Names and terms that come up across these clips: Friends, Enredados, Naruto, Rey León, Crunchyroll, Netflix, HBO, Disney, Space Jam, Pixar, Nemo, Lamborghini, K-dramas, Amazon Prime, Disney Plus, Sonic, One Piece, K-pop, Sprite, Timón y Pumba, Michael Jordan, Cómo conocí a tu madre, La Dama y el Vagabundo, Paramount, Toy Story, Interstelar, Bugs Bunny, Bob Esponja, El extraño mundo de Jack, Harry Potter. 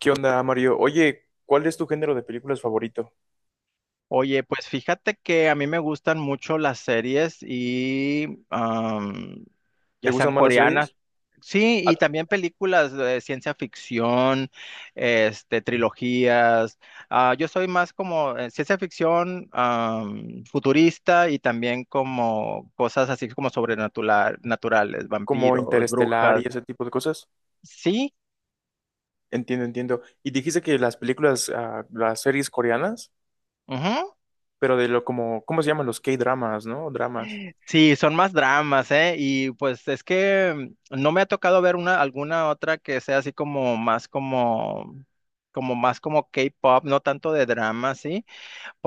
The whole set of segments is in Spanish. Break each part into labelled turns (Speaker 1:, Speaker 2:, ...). Speaker 1: ¿Qué onda, Mario? Oye, ¿cuál es tu género de películas favorito?
Speaker 2: Oye, pues fíjate que a mí me gustan mucho las series y
Speaker 1: ¿Te
Speaker 2: ya sean
Speaker 1: gustan más las
Speaker 2: coreanas,
Speaker 1: series?
Speaker 2: sí,
Speaker 1: Ah.
Speaker 2: y también películas de ciencia ficción, este, trilogías. Ah, yo soy más como ciencia ficción futurista y también como cosas así como sobrenaturales, naturales,
Speaker 1: Como
Speaker 2: vampiros,
Speaker 1: Interestelar y
Speaker 2: brujas.
Speaker 1: ese tipo de cosas.
Speaker 2: Sí.
Speaker 1: Entiendo, entiendo. Y dijiste que las películas, las series coreanas, pero de lo como, ¿cómo se llaman? Los K-dramas, ¿no? Dramas.
Speaker 2: Sí, son más dramas, ¿eh? Y pues es que no me ha tocado ver alguna otra que sea así como más como más como K-pop, no tanto de drama, ¿sí?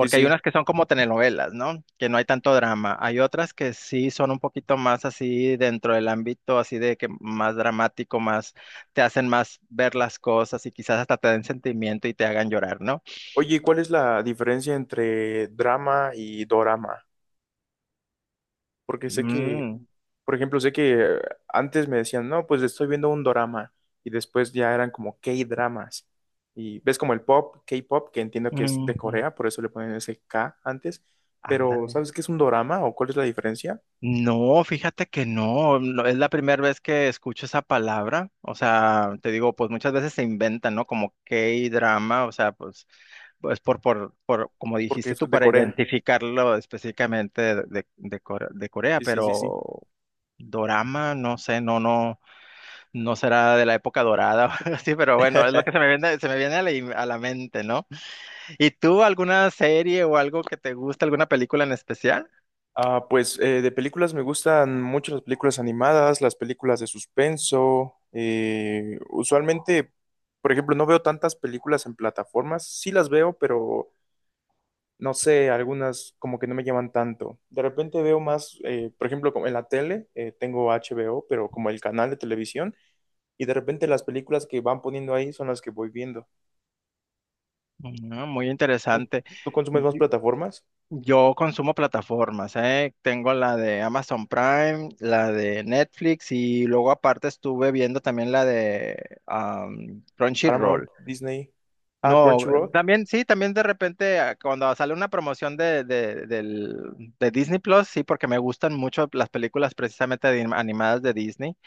Speaker 1: Sí,
Speaker 2: hay
Speaker 1: sí.
Speaker 2: unas que son como telenovelas, ¿no? Que no hay tanto drama. Hay otras que sí son un poquito más así dentro del ámbito así de que más dramático, más te hacen más ver las cosas y quizás hasta te den sentimiento y te hagan llorar, ¿no?
Speaker 1: Oye, ¿cuál es la diferencia entre drama y dorama? Porque sé que.
Speaker 2: Mm,
Speaker 1: Por ejemplo, sé que antes me decían, no, pues estoy viendo un dorama y después ya eran como K-dramas. Y ves como el pop, K-pop, que entiendo que es
Speaker 2: mm,
Speaker 1: de
Speaker 2: no.
Speaker 1: Corea, por eso le ponen ese K antes, pero
Speaker 2: Ándale.
Speaker 1: ¿sabes qué es un dorama o cuál es la diferencia?
Speaker 2: No, fíjate que no, no, es la primera vez que escucho esa palabra, o sea, te digo, pues muchas veces se inventan, ¿no? Como K-drama, o sea, pues, pues por, como
Speaker 1: Porque
Speaker 2: dijiste
Speaker 1: es
Speaker 2: tú,
Speaker 1: de
Speaker 2: para
Speaker 1: Corea.
Speaker 2: identificarlo específicamente de Core- de Corea,
Speaker 1: Sí, sí, sí, sí.
Speaker 2: pero dorama, no sé, no, no, no será de la época dorada, o algo así, pero bueno, es lo que se me viene a la, im- a la mente, ¿no? ¿Y tú alguna serie o algo que te gusta, alguna película en especial?
Speaker 1: De películas me gustan mucho las películas animadas, las películas de suspenso, usualmente, por ejemplo, no veo tantas películas en plataformas. Sí las veo, pero no sé, algunas como que no me llaman tanto. De repente veo más, por ejemplo, como en la tele, tengo HBO, pero como el canal de televisión, y de repente las películas que van poniendo ahí son las que voy viendo.
Speaker 2: Ah, muy
Speaker 1: ¿Tú,
Speaker 2: interesante.
Speaker 1: tú consumes más plataformas?
Speaker 2: Yo consumo plataformas, ¿eh? Tengo la de Amazon Prime, la de Netflix y luego aparte estuve viendo también la de
Speaker 1: Paramount,
Speaker 2: Crunchyroll.
Speaker 1: Disney, ah,
Speaker 2: No,
Speaker 1: Crunchyroll,
Speaker 2: también sí, también de repente cuando sale una promoción de Disney Plus, sí, porque me gustan mucho las películas precisamente de anim- animadas de Disney.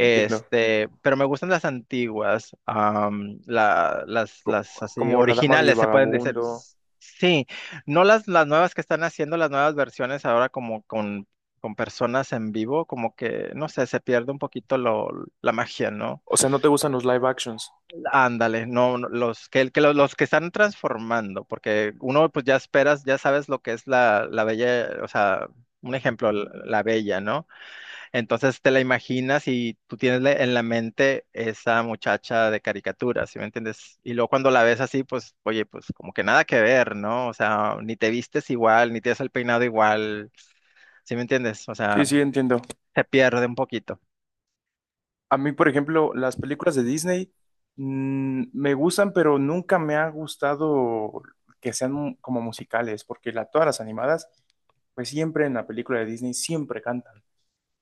Speaker 1: entiendo.
Speaker 2: pero me gustan las antiguas, la-
Speaker 1: Co-
Speaker 2: las así
Speaker 1: Como La Dama y el
Speaker 2: originales, se pueden decir.
Speaker 1: Vagabundo.
Speaker 2: S- Sí, no las, las nuevas que están haciendo, las nuevas versiones ahora con personas en vivo, como que, no sé, se pierde un poquito lo, la magia, ¿no?
Speaker 1: O sea, ¿no te gustan los live actions?
Speaker 2: Ándale, no, no, los que los que están transformando, porque uno pues ya esperas, ya sabes lo que es la, la bella, o sea, un ejemplo, la bella, ¿no? Entonces te la imaginas y tú tienes la- en la mente esa muchacha de caricatura, ¿sí me entiendes? Y luego cuando la ves así, pues, oye, pues como que nada que ver, ¿no? O sea, ni te vistes igual, ni tienes el peinado igual, ¿sí me entiendes? O
Speaker 1: Sí,
Speaker 2: sea,
Speaker 1: sí, entiendo.
Speaker 2: se pierde un poquito.
Speaker 1: A mí, por ejemplo, las películas de Disney, me gustan, pero nunca me ha gustado que sean como musicales, porque todas las animadas, pues siempre en la película de Disney siempre cantan.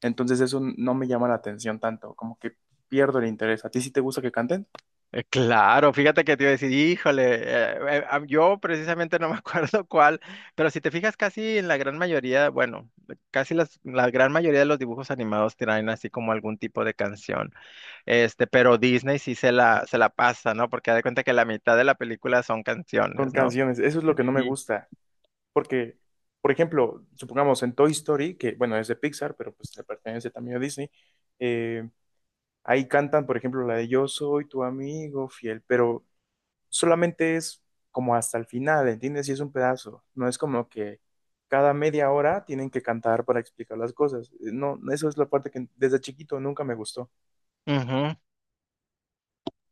Speaker 1: Entonces eso no me llama la atención tanto, como que pierdo el interés. ¿A ti sí te gusta que canten?
Speaker 2: Claro, fíjate que te iba a decir, híjole, a- yo precisamente no me acuerdo cuál, pero si te fijas casi en la gran mayoría, bueno, casi las- la gran mayoría de los dibujos animados traen así como algún tipo de canción. Este, pero Disney sí se la pasa, ¿no? Porque da de cuenta que la mitad de la película son
Speaker 1: Con
Speaker 2: canciones, ¿no?
Speaker 1: canciones, eso es lo que no me
Speaker 2: Sí.
Speaker 1: gusta, porque, por ejemplo, supongamos en Toy Story, que bueno, es de Pixar, pero pues le pertenece también a Disney, eh, ahí cantan, por ejemplo, la de Yo soy tu amigo fiel, pero solamente es como hasta el final, ¿entiendes? Y es un pedazo, no es como que cada media hora tienen que cantar para explicar las cosas. No, eso es la parte que desde chiquito nunca me gustó.
Speaker 2: Ujú.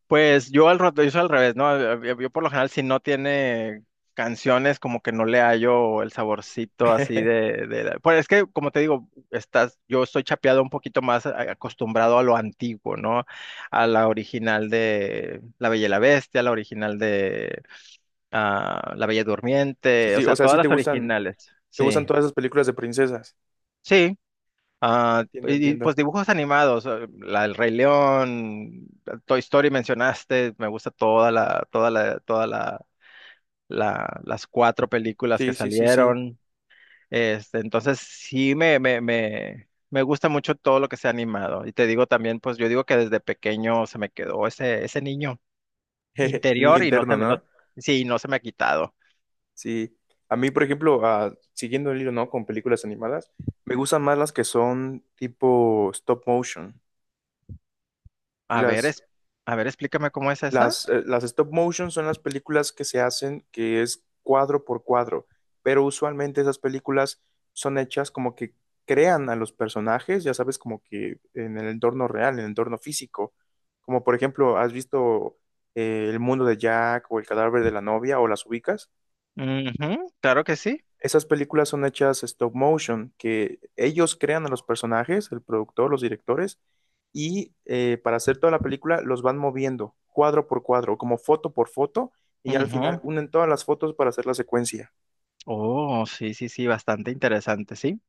Speaker 2: Pues yo al rato, yo soy al revés, ¿no? Yo por lo general si no tiene canciones como que no le hallo el saborcito así la- pues es que como te digo, estás, yo estoy chapeado un poquito más a- acostumbrado a lo antiguo, ¿no? A la original de La Bella y la Bestia, la original de La Bella
Speaker 1: Sí,
Speaker 2: Durmiente, o
Speaker 1: sí, o
Speaker 2: sea,
Speaker 1: sea,
Speaker 2: todas
Speaker 1: sí
Speaker 2: las originales,
Speaker 1: te gustan
Speaker 2: sí.
Speaker 1: todas esas películas de princesas.
Speaker 2: Sí. Ah,
Speaker 1: Entiendo, entiendo.
Speaker 2: pues dibujos animados, El Rey León, Toy Story mencionaste, me gusta toda la- las 4 películas que
Speaker 1: Sí, sí, sí, sí.
Speaker 2: salieron. Este, entonces sí me gusta mucho todo lo que sea animado. Y te digo también, pues yo digo que desde pequeño se me quedó ese niño
Speaker 1: El niño
Speaker 2: interior y no se
Speaker 1: interno,
Speaker 2: me, no,
Speaker 1: ¿no?
Speaker 2: sí, no se me ha quitado.
Speaker 1: Sí. A mí, por ejemplo, siguiendo el hilo, ¿no? Con películas animadas, me gustan más las que son tipo stop motion. Sí,
Speaker 2: A ver, es, a ver, explícame cómo es esa.
Speaker 1: las, las stop motion son las películas que se hacen que es cuadro por cuadro, pero usualmente esas películas son hechas como que crean a los personajes, ya sabes, como que en el entorno real, en el entorno físico. Como por ejemplo, ¿has visto El mundo de Jack o El cadáver de la novia o las ubicas?
Speaker 2: Ujú, claro que sí.
Speaker 1: Esas películas son hechas stop motion, que ellos crean a los personajes, el productor, los directores, y para hacer toda la película los van moviendo cuadro por cuadro, como foto por foto, y ya al final
Speaker 2: Ujú.
Speaker 1: unen todas las fotos para hacer la secuencia.
Speaker 2: Oh, sí, sí, sí, bastante interesante, sí.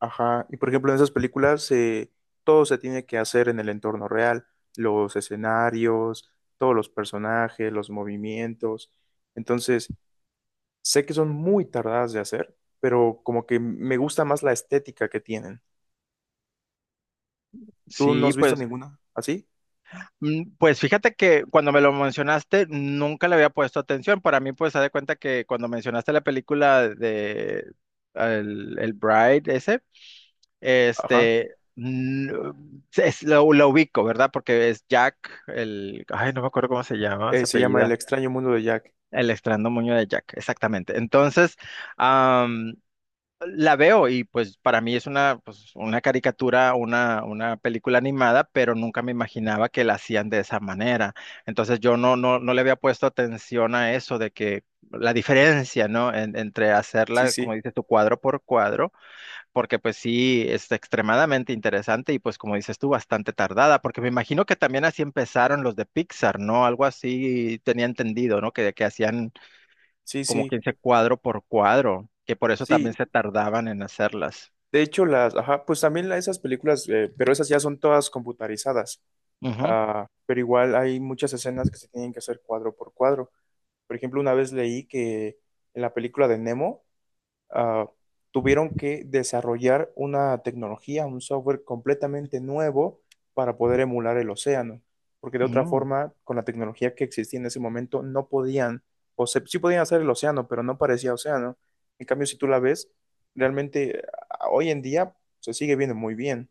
Speaker 1: Ajá. Y por ejemplo, en esas películas todo se tiene que hacer en el entorno real, los escenarios, todos los personajes, los movimientos. Entonces, sé que son muy tardadas de hacer, pero como que me gusta más la estética que tienen. ¿Tú no
Speaker 2: Sí,
Speaker 1: has visto
Speaker 2: pues,
Speaker 1: ninguna? ¿Así?
Speaker 2: pues fíjate que cuando me lo mencionaste nunca le había puesto atención. Para mí, pues, haz de cuenta que cuando mencionaste la película de el Bride ese,
Speaker 1: Ajá.
Speaker 2: este, no- es- lo ubico, ¿verdad? Porque es Jack, el, ay, no me acuerdo cómo se llama, se
Speaker 1: Se llama El
Speaker 2: apellida,
Speaker 1: extraño mundo de Jack.
Speaker 2: el extraño moño de Jack, exactamente. Entonces, am, la veo y pues para mí es una, pues, una caricatura, una película animada, pero nunca me imaginaba que la hacían de esa manera. Entonces yo no, no, no le había puesto atención a eso de que la diferencia, ¿no? En- entre
Speaker 1: Sí,
Speaker 2: hacerla, como
Speaker 1: sí,
Speaker 2: dices tu cuadro por cuadro, porque pues sí, es extremadamente interesante y pues como dices tú, bastante tardada, porque me imagino que también así empezaron los de Pixar, ¿no? Algo así tenía entendido, ¿no? Que hacían
Speaker 1: sí,
Speaker 2: como
Speaker 1: sí,
Speaker 2: 15 cuadro por cuadro, que por eso también
Speaker 1: sí.
Speaker 2: se tardaban en hacerlas.
Speaker 1: De hecho, las, ajá, pues también esas películas, pero esas ya son todas computarizadas.
Speaker 2: Ujú,
Speaker 1: Ah, pero igual hay muchas escenas que se tienen que hacer cuadro por cuadro. Por ejemplo, una vez leí que en la película de Nemo, ah, tuvieron que desarrollar una tecnología, un software completamente nuevo para poder emular el océano, porque de otra
Speaker 2: ujú,
Speaker 1: forma, con la tecnología que existía en ese momento, no podían, o se, sí podían hacer el océano, pero no parecía océano. En cambio, si tú la ves, realmente ah, hoy en día se sigue viendo muy bien.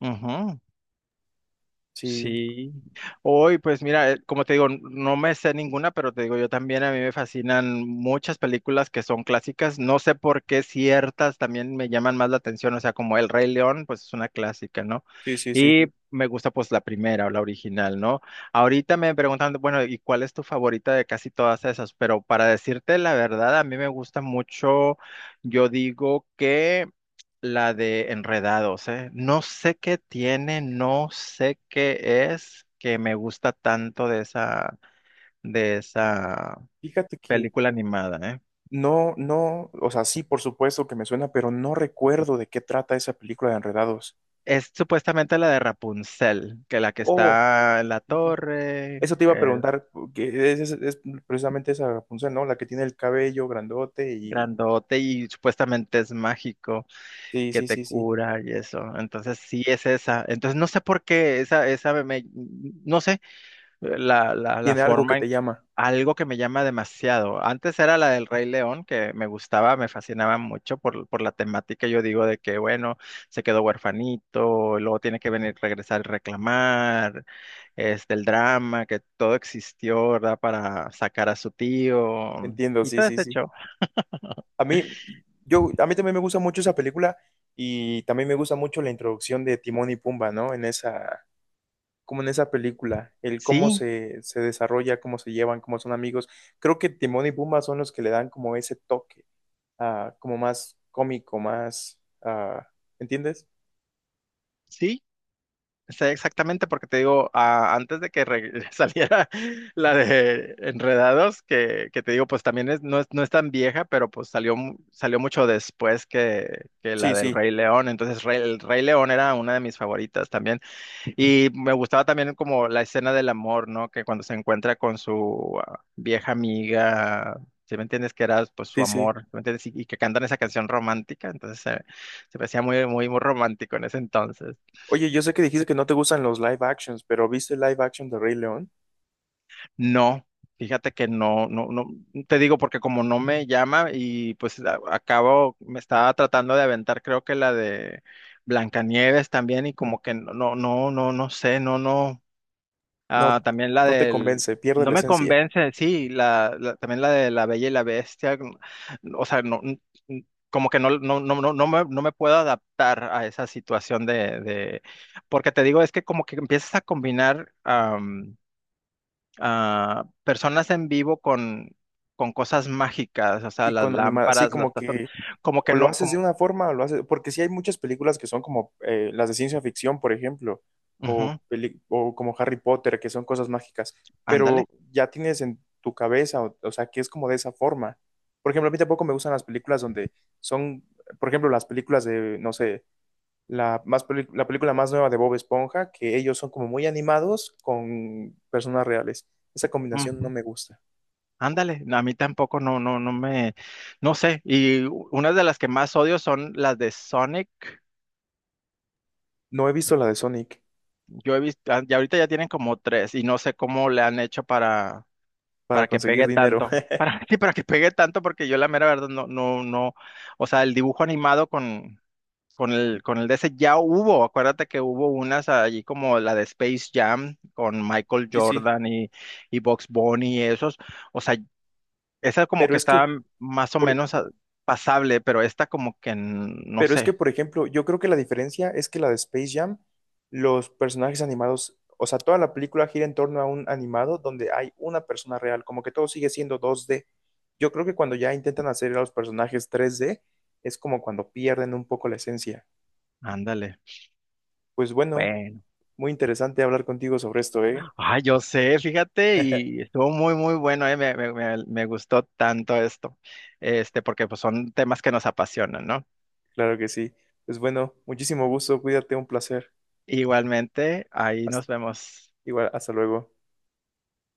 Speaker 2: ujú.
Speaker 1: Sí,
Speaker 2: Sí, hoy pues mira, como te digo, n- no me sé ninguna, pero te digo, yo también a mí me fascinan muchas películas que son clásicas, no sé por qué ciertas también me llaman más la atención, o sea, como El Rey León, pues es una clásica, ¿no?
Speaker 1: sí, sí, sí.
Speaker 2: Y me gusta pues la primera o la original, ¿no? Ahorita me preguntan, bueno, ¿y cuál es tu favorita de casi todas esas? Pero para decirte la verdad, a mí me gusta mucho, yo digo que la de Enredados, ¿eh? No sé qué tiene, no sé qué es que me gusta tanto de esa
Speaker 1: Fíjate que
Speaker 2: película animada, ¿eh?
Speaker 1: no, no, o sea, sí, por supuesto que me suena, pero no recuerdo de qué trata esa película de Enredados.
Speaker 2: Es supuestamente la de Rapunzel, que la que
Speaker 1: Oh,
Speaker 2: está en la
Speaker 1: sí, sí.
Speaker 2: torre,
Speaker 1: Eso te iba a
Speaker 2: eh,
Speaker 1: preguntar, que es precisamente esa punción, ¿no? La que tiene el cabello grandote y...
Speaker 2: grandote y supuestamente es mágico,
Speaker 1: Sí,
Speaker 2: que
Speaker 1: sí,
Speaker 2: te
Speaker 1: sí, sí.
Speaker 2: cura y eso. Entonces sí es esa. Entonces no sé por qué esa, esa me, me- no sé, la
Speaker 1: Tiene algo que
Speaker 2: forma
Speaker 1: te
Speaker 2: en
Speaker 1: llama.
Speaker 2: algo que me llama demasiado. Antes era la del Rey León, que me gustaba, me fascinaba mucho por la temática. Yo digo de que, bueno, se quedó huerfanito, luego tiene que venir, regresar y reclamar, este, el drama, que todo existió, ¿verdad? Para sacar a su tío
Speaker 1: Entiendo,
Speaker 2: y
Speaker 1: sí,
Speaker 2: todo
Speaker 1: sí,
Speaker 2: ese
Speaker 1: sí.
Speaker 2: show.
Speaker 1: A mí, yo, a mí también me gusta mucho esa película y también me gusta mucho la introducción de Timón y Pumba, ¿no? En esa, como en esa película, el cómo
Speaker 2: Sí,
Speaker 1: se desarrolla, cómo se llevan, cómo son amigos. Creo que Timón y Pumba son los que le dan como ese toque, como más cómico, más, ah, ¿entiendes?
Speaker 2: sí, sé exactamente porque te digo, antes de que re- saliera la de Enredados, que te digo, pues también es, no es, no es tan vieja, pero pues salió, mu- salió mucho después que la
Speaker 1: Sí,
Speaker 2: del
Speaker 1: sí,
Speaker 2: Rey León. Entonces, Rey- el Rey León era una de mis favoritas también. Y me gustaba también como la escena del amor, ¿no? Que cuando se encuentra con su vieja amiga. ¿Sí me entiendes que era pues su
Speaker 1: sí, sí.
Speaker 2: amor, ¿sí me entiendes? Y que cantan esa canción romántica, entonces se me hacía muy, muy, muy romántico en ese entonces.
Speaker 1: Oye, yo sé que dijiste que no te gustan los live actions, pero ¿viste el live action de Rey León?
Speaker 2: No, fíjate que no, no, no, te digo porque como no me llama y pues a- acabo, me estaba tratando de aventar, creo que la de Blancanieves también y como que no, no, no, no, no sé, no, no,
Speaker 1: No,
Speaker 2: también la
Speaker 1: no te
Speaker 2: del,
Speaker 1: convence, pierde
Speaker 2: no
Speaker 1: la
Speaker 2: me
Speaker 1: esencia.
Speaker 2: convence, sí, la- también la de La Bella y la Bestia, mm, o sea, no, n- n- como que no, no, no, no, no me, no me puedo adaptar a esa situación porque te digo, es que como que empiezas a combinar, personas en vivo con cosas mágicas, o sea,
Speaker 1: Y
Speaker 2: las
Speaker 1: con animada, sí,
Speaker 2: lámparas, las
Speaker 1: como
Speaker 2: tazones,
Speaker 1: que
Speaker 2: como que
Speaker 1: o lo
Speaker 2: no,
Speaker 1: haces
Speaker 2: como,
Speaker 1: de una forma o lo haces, porque sí hay muchas películas que son como las de ciencia ficción, por ejemplo, o,
Speaker 2: ujú,
Speaker 1: o como Harry Potter, que son cosas mágicas, pero
Speaker 2: ándale,
Speaker 1: ya tienes en tu cabeza, o sea, que es como de esa forma. Por ejemplo, a mí tampoco me gustan las películas donde son, por ejemplo, las películas de, no sé, la, la película más nueva de Bob Esponja, que ellos son como muy animados con personas reales. Esa combinación no
Speaker 2: ujú,
Speaker 1: me gusta.
Speaker 2: ándale, no, a mí tampoco, no, no, no me, no sé, y u- una de las que más odio son las de Sonic,
Speaker 1: No he visto la de Sonic
Speaker 2: yo he visto, y ahorita ya tienen como 3, y no sé cómo le han hecho
Speaker 1: para
Speaker 2: para que
Speaker 1: conseguir
Speaker 2: pegue
Speaker 1: dinero.
Speaker 2: tanto. Para, sí, para que pegue tanto, porque yo la mera verdad no, no, no, o sea, el dibujo animado con el de ese ya hubo, acuérdate que hubo unas allí como la de Space Jam con Michael
Speaker 1: Sí, sí.
Speaker 2: Jordan y Bugs Bunny y esos, o sea, esa como
Speaker 1: Pero
Speaker 2: que
Speaker 1: es
Speaker 2: estaba
Speaker 1: que,
Speaker 2: más o
Speaker 1: por-
Speaker 2: menos pasable, pero esta como que n- no
Speaker 1: pero es que,
Speaker 2: sé,
Speaker 1: por ejemplo, yo creo que la diferencia es que la de Space Jam, los personajes animados, o sea, toda la película gira en torno a un animado donde hay una persona real, como que todo sigue siendo dos d. Yo creo que cuando ya intentan hacer a los personajes tres d es como cuando pierden un poco la esencia.
Speaker 2: ándale.
Speaker 1: Pues bueno, muy interesante hablar contigo sobre esto, ¿eh?
Speaker 2: Ah, yo sé, fíjate, y estuvo muy, muy bueno, me gustó tanto esto, este, porque pues son temas que nos apasionan, ¿no?
Speaker 1: Claro que sí. Pues bueno, muchísimo gusto, cuídate, un placer.
Speaker 2: Igualmente, ahí
Speaker 1: Hasta-
Speaker 2: nos vemos.
Speaker 1: igual, hasta luego.